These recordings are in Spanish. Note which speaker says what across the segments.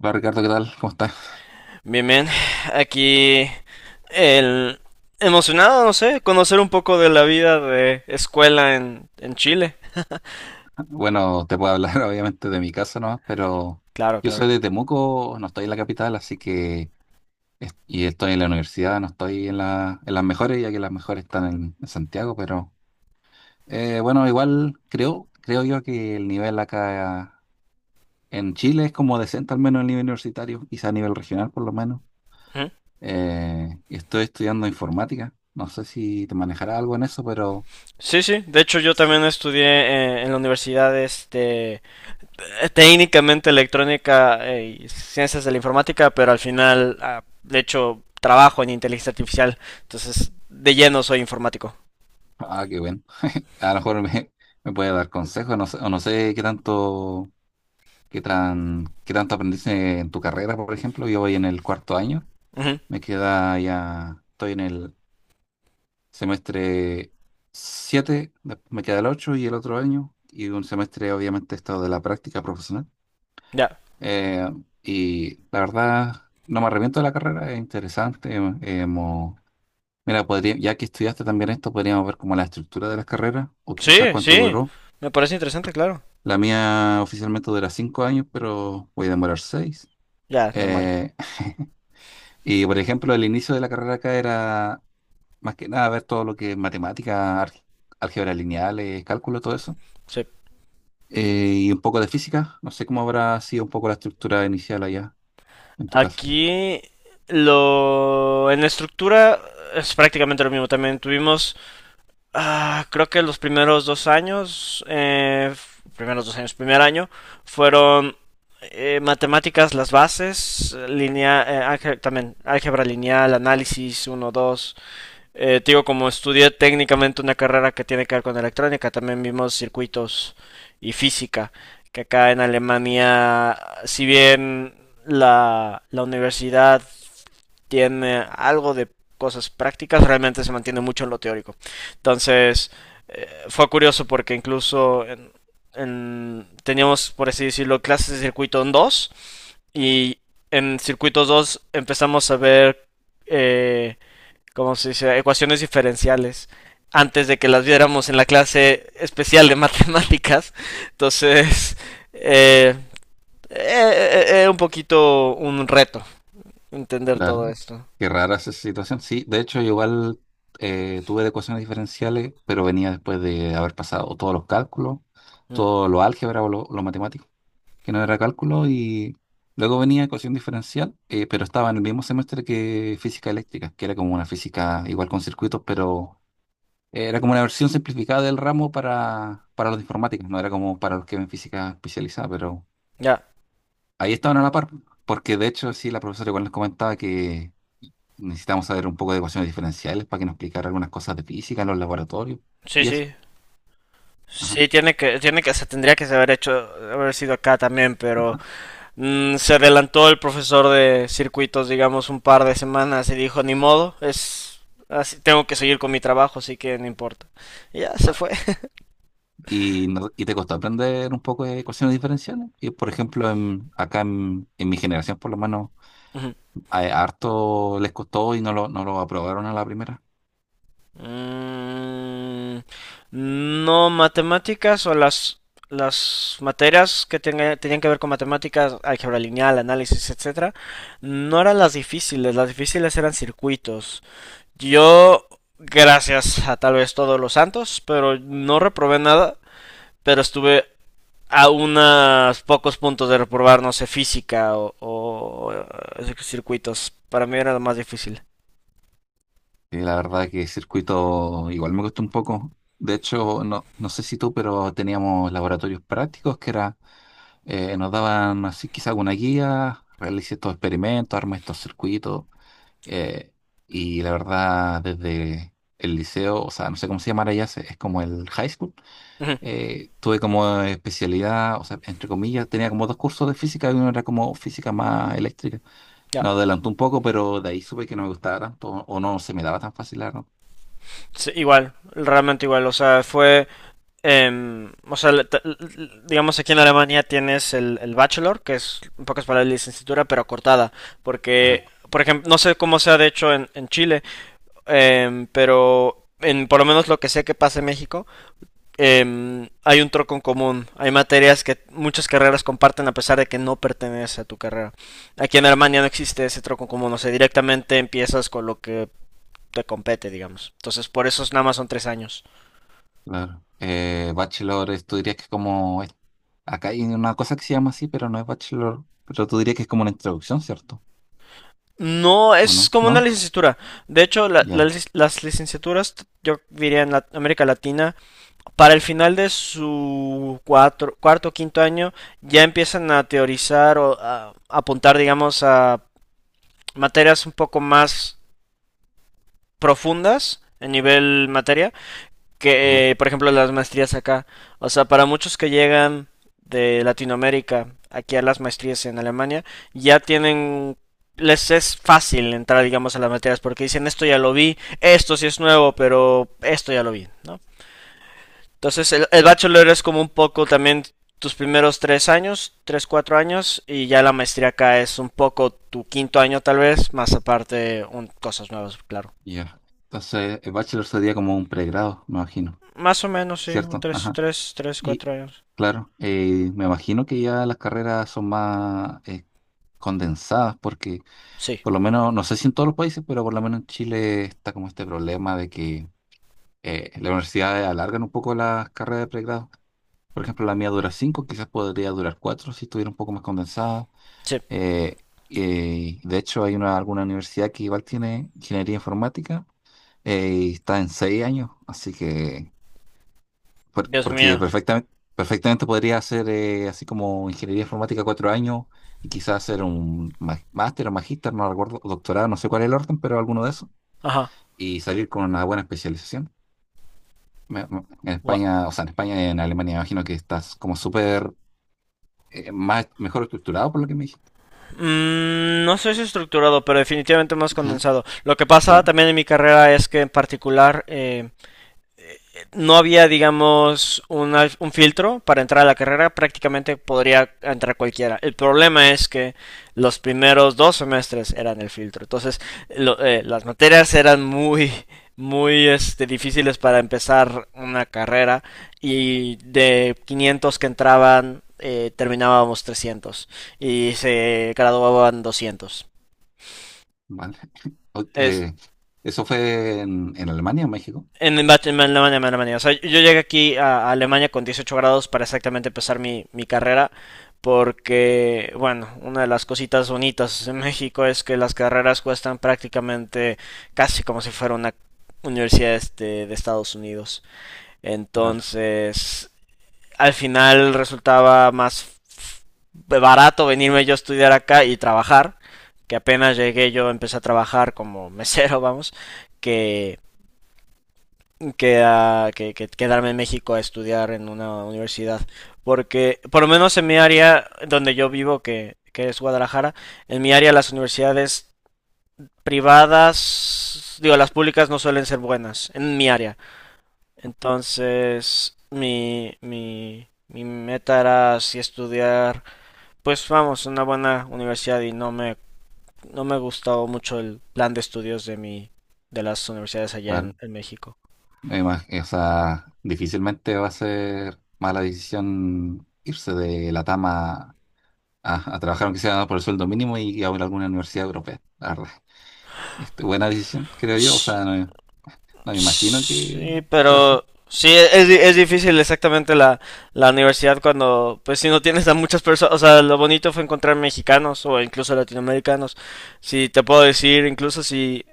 Speaker 1: Hola Ricardo, ¿qué tal? ¿Cómo estás?
Speaker 2: Bien, bien. Aquí el emocionado, no sé, conocer un poco de la vida de escuela en Chile.
Speaker 1: Bueno, te puedo hablar obviamente de mi casa nomás, pero
Speaker 2: Claro,
Speaker 1: yo
Speaker 2: claro.
Speaker 1: soy de Temuco, no estoy en la capital, así que y estoy en la universidad, no estoy en las mejores, ya que las mejores están en Santiago, pero bueno, igual creo yo que el nivel acá en Chile es como decente, al menos a nivel universitario, quizá a nivel regional por lo menos.
Speaker 2: Ujú.
Speaker 1: Y estoy estudiando informática, no sé si te manejará algo en eso, pero
Speaker 2: Sí, sí. De hecho, yo
Speaker 1: sí.
Speaker 2: también estudié en la universidad, este, técnicamente electrónica y ciencias de la informática, pero al final, de hecho, trabajo en inteligencia artificial. Entonces, de lleno soy informático.
Speaker 1: Ah, qué bueno. A lo mejor me puede dar consejos, no sé, o no sé qué tanto aprendiste en tu carrera, por ejemplo. Yo voy en el cuarto año,
Speaker 2: Ujú.
Speaker 1: me queda ya, estoy en el semestre 7, después me queda el 8 y el otro año, y un semestre obviamente he estado de la práctica profesional.
Speaker 2: Ya.
Speaker 1: Eh, y la verdad, no me arrepiento de la carrera, es interesante. Mira, podría, ya que estudiaste también esto, podríamos ver como la estructura de las carreras, o quizás
Speaker 2: Sí,
Speaker 1: cuánto
Speaker 2: sí.
Speaker 1: duró.
Speaker 2: Me parece interesante, claro.
Speaker 1: La mía oficialmente dura cinco años, pero voy a demorar seis.
Speaker 2: Ya, normal.
Speaker 1: Eh, y por ejemplo, el inicio de la carrera acá era más que nada ver todo lo que es matemática, álgebra lineales, cálculo, todo eso.
Speaker 2: Sí.
Speaker 1: Y un poco de física. No sé cómo habrá sido un poco la estructura inicial allá, en tu caso.
Speaker 2: Aquí lo en la estructura es prácticamente lo mismo. También tuvimos, creo que los primeros dos años, primer año, fueron matemáticas, las bases, línea, también álgebra lineal, análisis uno 2. Digo, como estudié técnicamente una carrera que tiene que ver con electrónica, también vimos circuitos y física, que acá en Alemania, si bien la universidad tiene algo de cosas prácticas, realmente se mantiene mucho en lo teórico. Entonces, fue curioso porque teníamos, por así decirlo, clases de circuito en 2 y en circuitos 2 empezamos a ver eh, como se dice, ecuaciones diferenciales antes de que las viéramos en la clase especial de matemáticas. Entonces, eh, un poquito un reto entender
Speaker 1: Claro.
Speaker 2: todo esto.
Speaker 1: Qué rara esa situación. Sí, de hecho, yo igual tuve de ecuaciones diferenciales, pero venía después de haber pasado todos los cálculos,
Speaker 2: Mm,
Speaker 1: todo lo álgebra o lo matemático, que no era cálculo, y luego venía ecuación diferencial, pero estaba en el mismo semestre que física eléctrica, que era como una física igual con circuitos, pero era como una versión simplificada del ramo para los informáticos, no era como para los que ven física especializada, pero
Speaker 2: Ya,
Speaker 1: ahí estaban a la par, porque de hecho sí, la profesora igual nos comentaba que necesitamos saber un poco de ecuaciones diferenciales para que nos explicara algunas cosas de física en los laboratorios
Speaker 2: sí,
Speaker 1: y eso.
Speaker 2: sí.
Speaker 1: Ajá,
Speaker 2: Sí, se tendría que haber hecho, haber sido acá también, pero
Speaker 1: ajá.
Speaker 2: se adelantó el profesor de circuitos, digamos, un par de semanas y dijo, ni modo, es así, tengo que seguir con mi trabajo, así que no importa. Y ya se fue.
Speaker 1: y, no- y te costó aprender un poco de ecuaciones diferenciales. Y por ejemplo, acá en mi generación, por lo menos,
Speaker 2: Ujú.
Speaker 1: a harto les costó y no no lo aprobaron a la primera.
Speaker 2: Mm, no, matemáticas o las materias que tenían que ver con matemáticas, álgebra lineal, análisis, etcétera, no eran las difíciles eran circuitos. Yo, gracias a tal vez todos los santos, pero no reprobé nada, pero estuve a unos pocos puntos de reprobar, no sé, física o circuitos. Para mí era lo más difícil.
Speaker 1: Y la verdad que circuito igual me costó un poco. De hecho, no sé si tú, pero teníamos laboratorios prácticos que era, nos daban así quizá alguna guía, realice estos experimentos, arma estos circuitos. eh, y la verdad, desde el liceo, o sea, no sé cómo se llamará ya, es como el high school.
Speaker 2: Ujú,
Speaker 1: Tuve como especialidad, o sea, entre comillas, tenía como dos cursos de física y uno era como física más eléctrica.
Speaker 2: ya,
Speaker 1: Me adelantó un poco, pero de ahí supe que no me gustaba tanto o no se me daba tan fácil, la verdad.
Speaker 2: sí, igual, realmente igual, o sea, fue o sea, digamos aquí en Alemania tienes el bachelor, que es en pocas palabras licenciatura, pero cortada,
Speaker 1: Ajá,
Speaker 2: porque, por ejemplo, no sé cómo sea de hecho en Chile, pero en por lo menos lo que sé que pasa en México, hay un troco en común, hay materias que muchas carreras comparten a pesar de que no pertenece a tu carrera. Aquí en Alemania no existe ese troco en común, o sea, directamente empiezas con lo que te compete, digamos. Entonces, por eso nada más son tres años.
Speaker 1: claro. Bachelor, tú dirías que es como, acá hay una cosa que se llama así, pero no es bachelor, pero tú dirías que es como una introducción, ¿cierto?
Speaker 2: No,
Speaker 1: ¿O
Speaker 2: es
Speaker 1: no?
Speaker 2: como una
Speaker 1: ¿No?
Speaker 2: licenciatura. De hecho,
Speaker 1: Ya,
Speaker 2: las licenciaturas, yo diría en América Latina, para el final de su cuarto o quinto año, ya empiezan a teorizar o a apuntar, digamos, a materias un poco más profundas en nivel materia
Speaker 1: ajá,
Speaker 2: que, por ejemplo, las maestrías acá. O sea, para muchos que llegan de Latinoamérica aquí a las maestrías en Alemania, ya tienen, les es fácil entrar, digamos, a las materias porque dicen esto ya lo vi, esto sí es nuevo, pero esto ya lo vi, ¿no? Entonces, el bachelor es como un poco también tus primeros tres años, tres, cuatro años, y ya la maestría acá es un poco tu quinto año tal vez, más aparte cosas nuevas, claro.
Speaker 1: ya. Entonces, el bachelor sería como un pregrado, me imagino,
Speaker 2: Más o menos, sí, un
Speaker 1: ¿cierto? Ajá.
Speaker 2: tres,
Speaker 1: Y
Speaker 2: cuatro años.
Speaker 1: claro, me imagino que ya las carreras son más condensadas porque
Speaker 2: Sí,
Speaker 1: por lo menos, no sé si en todos los países, pero por lo menos en Chile está como este problema de que las universidades alargan un poco las carreras de pregrado. Por ejemplo, la mía dura cinco, quizás podría durar cuatro si estuviera un poco más condensada.
Speaker 2: sí.
Speaker 1: Eh, de hecho, hay una, alguna universidad que igual tiene ingeniería informática y está en seis años, así que
Speaker 2: Dios
Speaker 1: porque
Speaker 2: mío.
Speaker 1: perfectamente podría hacer así como ingeniería informática cuatro años y quizás hacer un máster o magíster, no recuerdo, o doctorado, no sé cuál es el orden, pero alguno de esos,
Speaker 2: Ajá.
Speaker 1: y salir con una buena especialización. En
Speaker 2: Guau.
Speaker 1: España, o sea, en España y en Alemania, me imagino que estás como súper mejor estructurado por lo que me dijiste.
Speaker 2: No sé si estructurado, pero definitivamente más
Speaker 1: Ujú.
Speaker 2: condensado. Lo que pasa
Speaker 1: Claro,
Speaker 2: también en mi carrera es que en particular no había, digamos, filtro para entrar a la carrera, prácticamente podría entrar cualquiera. El problema es que los primeros dos semestres eran el filtro, entonces las materias eran muy este, difíciles para empezar una carrera y de 500 que entraban terminábamos 300 y se graduaban 200.
Speaker 1: vale. Ok,
Speaker 2: Es,
Speaker 1: ¿eso fue en Alemania o México?
Speaker 2: En, en Alemania, en Alemania. O sea, yo llegué aquí a Alemania con 18 grados para exactamente empezar mi carrera, porque, bueno, una de las cositas bonitas en México es que las carreras cuestan prácticamente casi como si fuera una universidad este, de Estados Unidos.
Speaker 1: Claro,
Speaker 2: Entonces, al final resultaba más barato venirme yo a estudiar acá y trabajar, que apenas llegué yo empecé a trabajar como mesero, vamos, que que quedarme en México a estudiar en una universidad. Porque, por lo menos en mi área donde yo vivo, que es Guadalajara, en mi área las universidades privadas, digo, las públicas no suelen ser buenas, en mi área. Entonces, mi meta era así estudiar, pues vamos, una buena universidad y no no me gustó mucho el plan de estudios de mi, de las universidades allá
Speaker 1: claro.
Speaker 2: en México.
Speaker 1: O sea, difícilmente va a ser mala decisión irse de la Tama a trabajar, aunque sea por el sueldo mínimo, y a alguna universidad europea, la verdad. Este, buena decisión, creo yo. O sea, no, no me imagino que
Speaker 2: Sí,
Speaker 1: pueda ser.
Speaker 2: pero sí, es, es difícil exactamente la, la universidad cuando, pues si no tienes a muchas personas, o sea, lo bonito fue encontrar mexicanos o incluso latinoamericanos. Si te puedo decir, incluso si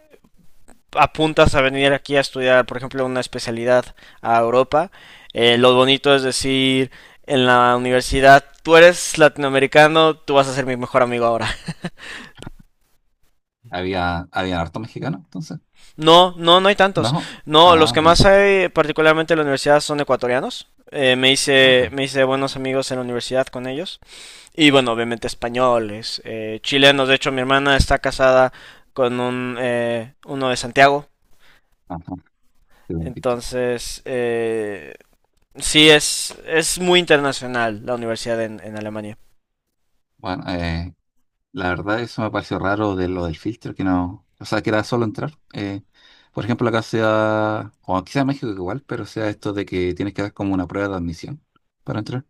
Speaker 2: apuntas a venir aquí a estudiar, por ejemplo, una especialidad a Europa, lo bonito es decir, en la universidad, tú eres latinoamericano, tú vas a ser mi mejor amigo ahora.
Speaker 1: Había, había harto mexicano, entonces.
Speaker 2: No, no, no hay tantos.
Speaker 1: No.
Speaker 2: No, los
Speaker 1: Ah,
Speaker 2: que
Speaker 1: bueno.
Speaker 2: más hay, particularmente en la universidad, son ecuatorianos.
Speaker 1: Ajá.
Speaker 2: Me hice buenos amigos en la universidad con ellos. Y bueno, obviamente españoles, chilenos. De hecho, mi hermana está casada con un, uno de Santiago.
Speaker 1: Ajá. Te la invito.
Speaker 2: Entonces, sí, es muy internacional la universidad en Alemania.
Speaker 1: Bueno, la verdad, eso me pareció raro de lo del filtro, que no, o sea, que era solo entrar. Por ejemplo, acá sea, o quizá en México igual, pero sea esto de que tienes que dar como una prueba de admisión para entrar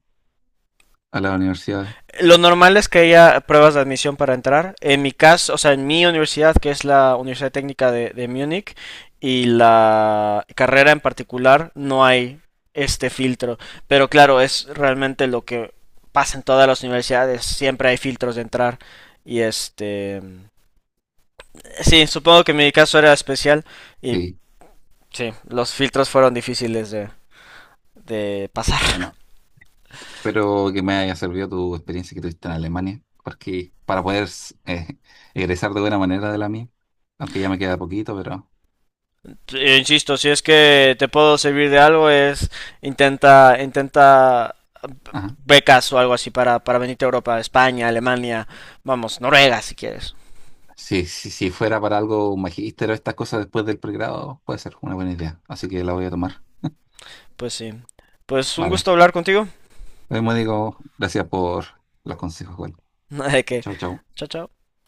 Speaker 1: a las universidades.
Speaker 2: Lo normal es que haya pruebas de admisión para entrar. En mi caso, o sea, en mi universidad, que es la Universidad Técnica de Múnich, y la carrera en particular, no hay este filtro. Pero claro, es realmente lo que pasa en todas las universidades. Siempre hay filtros de entrar. Y este... sí, supongo que en mi caso era especial. Y
Speaker 1: Sí,
Speaker 2: sí, los filtros fueron difíciles de pasar.
Speaker 1: bueno, espero que me haya servido tu experiencia que tuviste en Alemania, porque para poder eh, egresar de buena manera de la mía, aunque ya me queda poquito, pero
Speaker 2: Insisto, si es que te puedo servir de algo, es intenta
Speaker 1: ajá.
Speaker 2: becas o algo así para venirte a Europa, España, Alemania, vamos, Noruega si quieres.
Speaker 1: Sí, sí, si fuera para algo, un magíster o estas cosas después del pregrado, puede ser una buena idea, así que la voy a tomar.
Speaker 2: Pues sí. Pues un
Speaker 1: Vale.
Speaker 2: gusto hablar contigo.
Speaker 1: Bueno, digo, gracias por los consejos, igual.
Speaker 2: De que.
Speaker 1: Chau, chau.
Speaker 2: Chao, chao.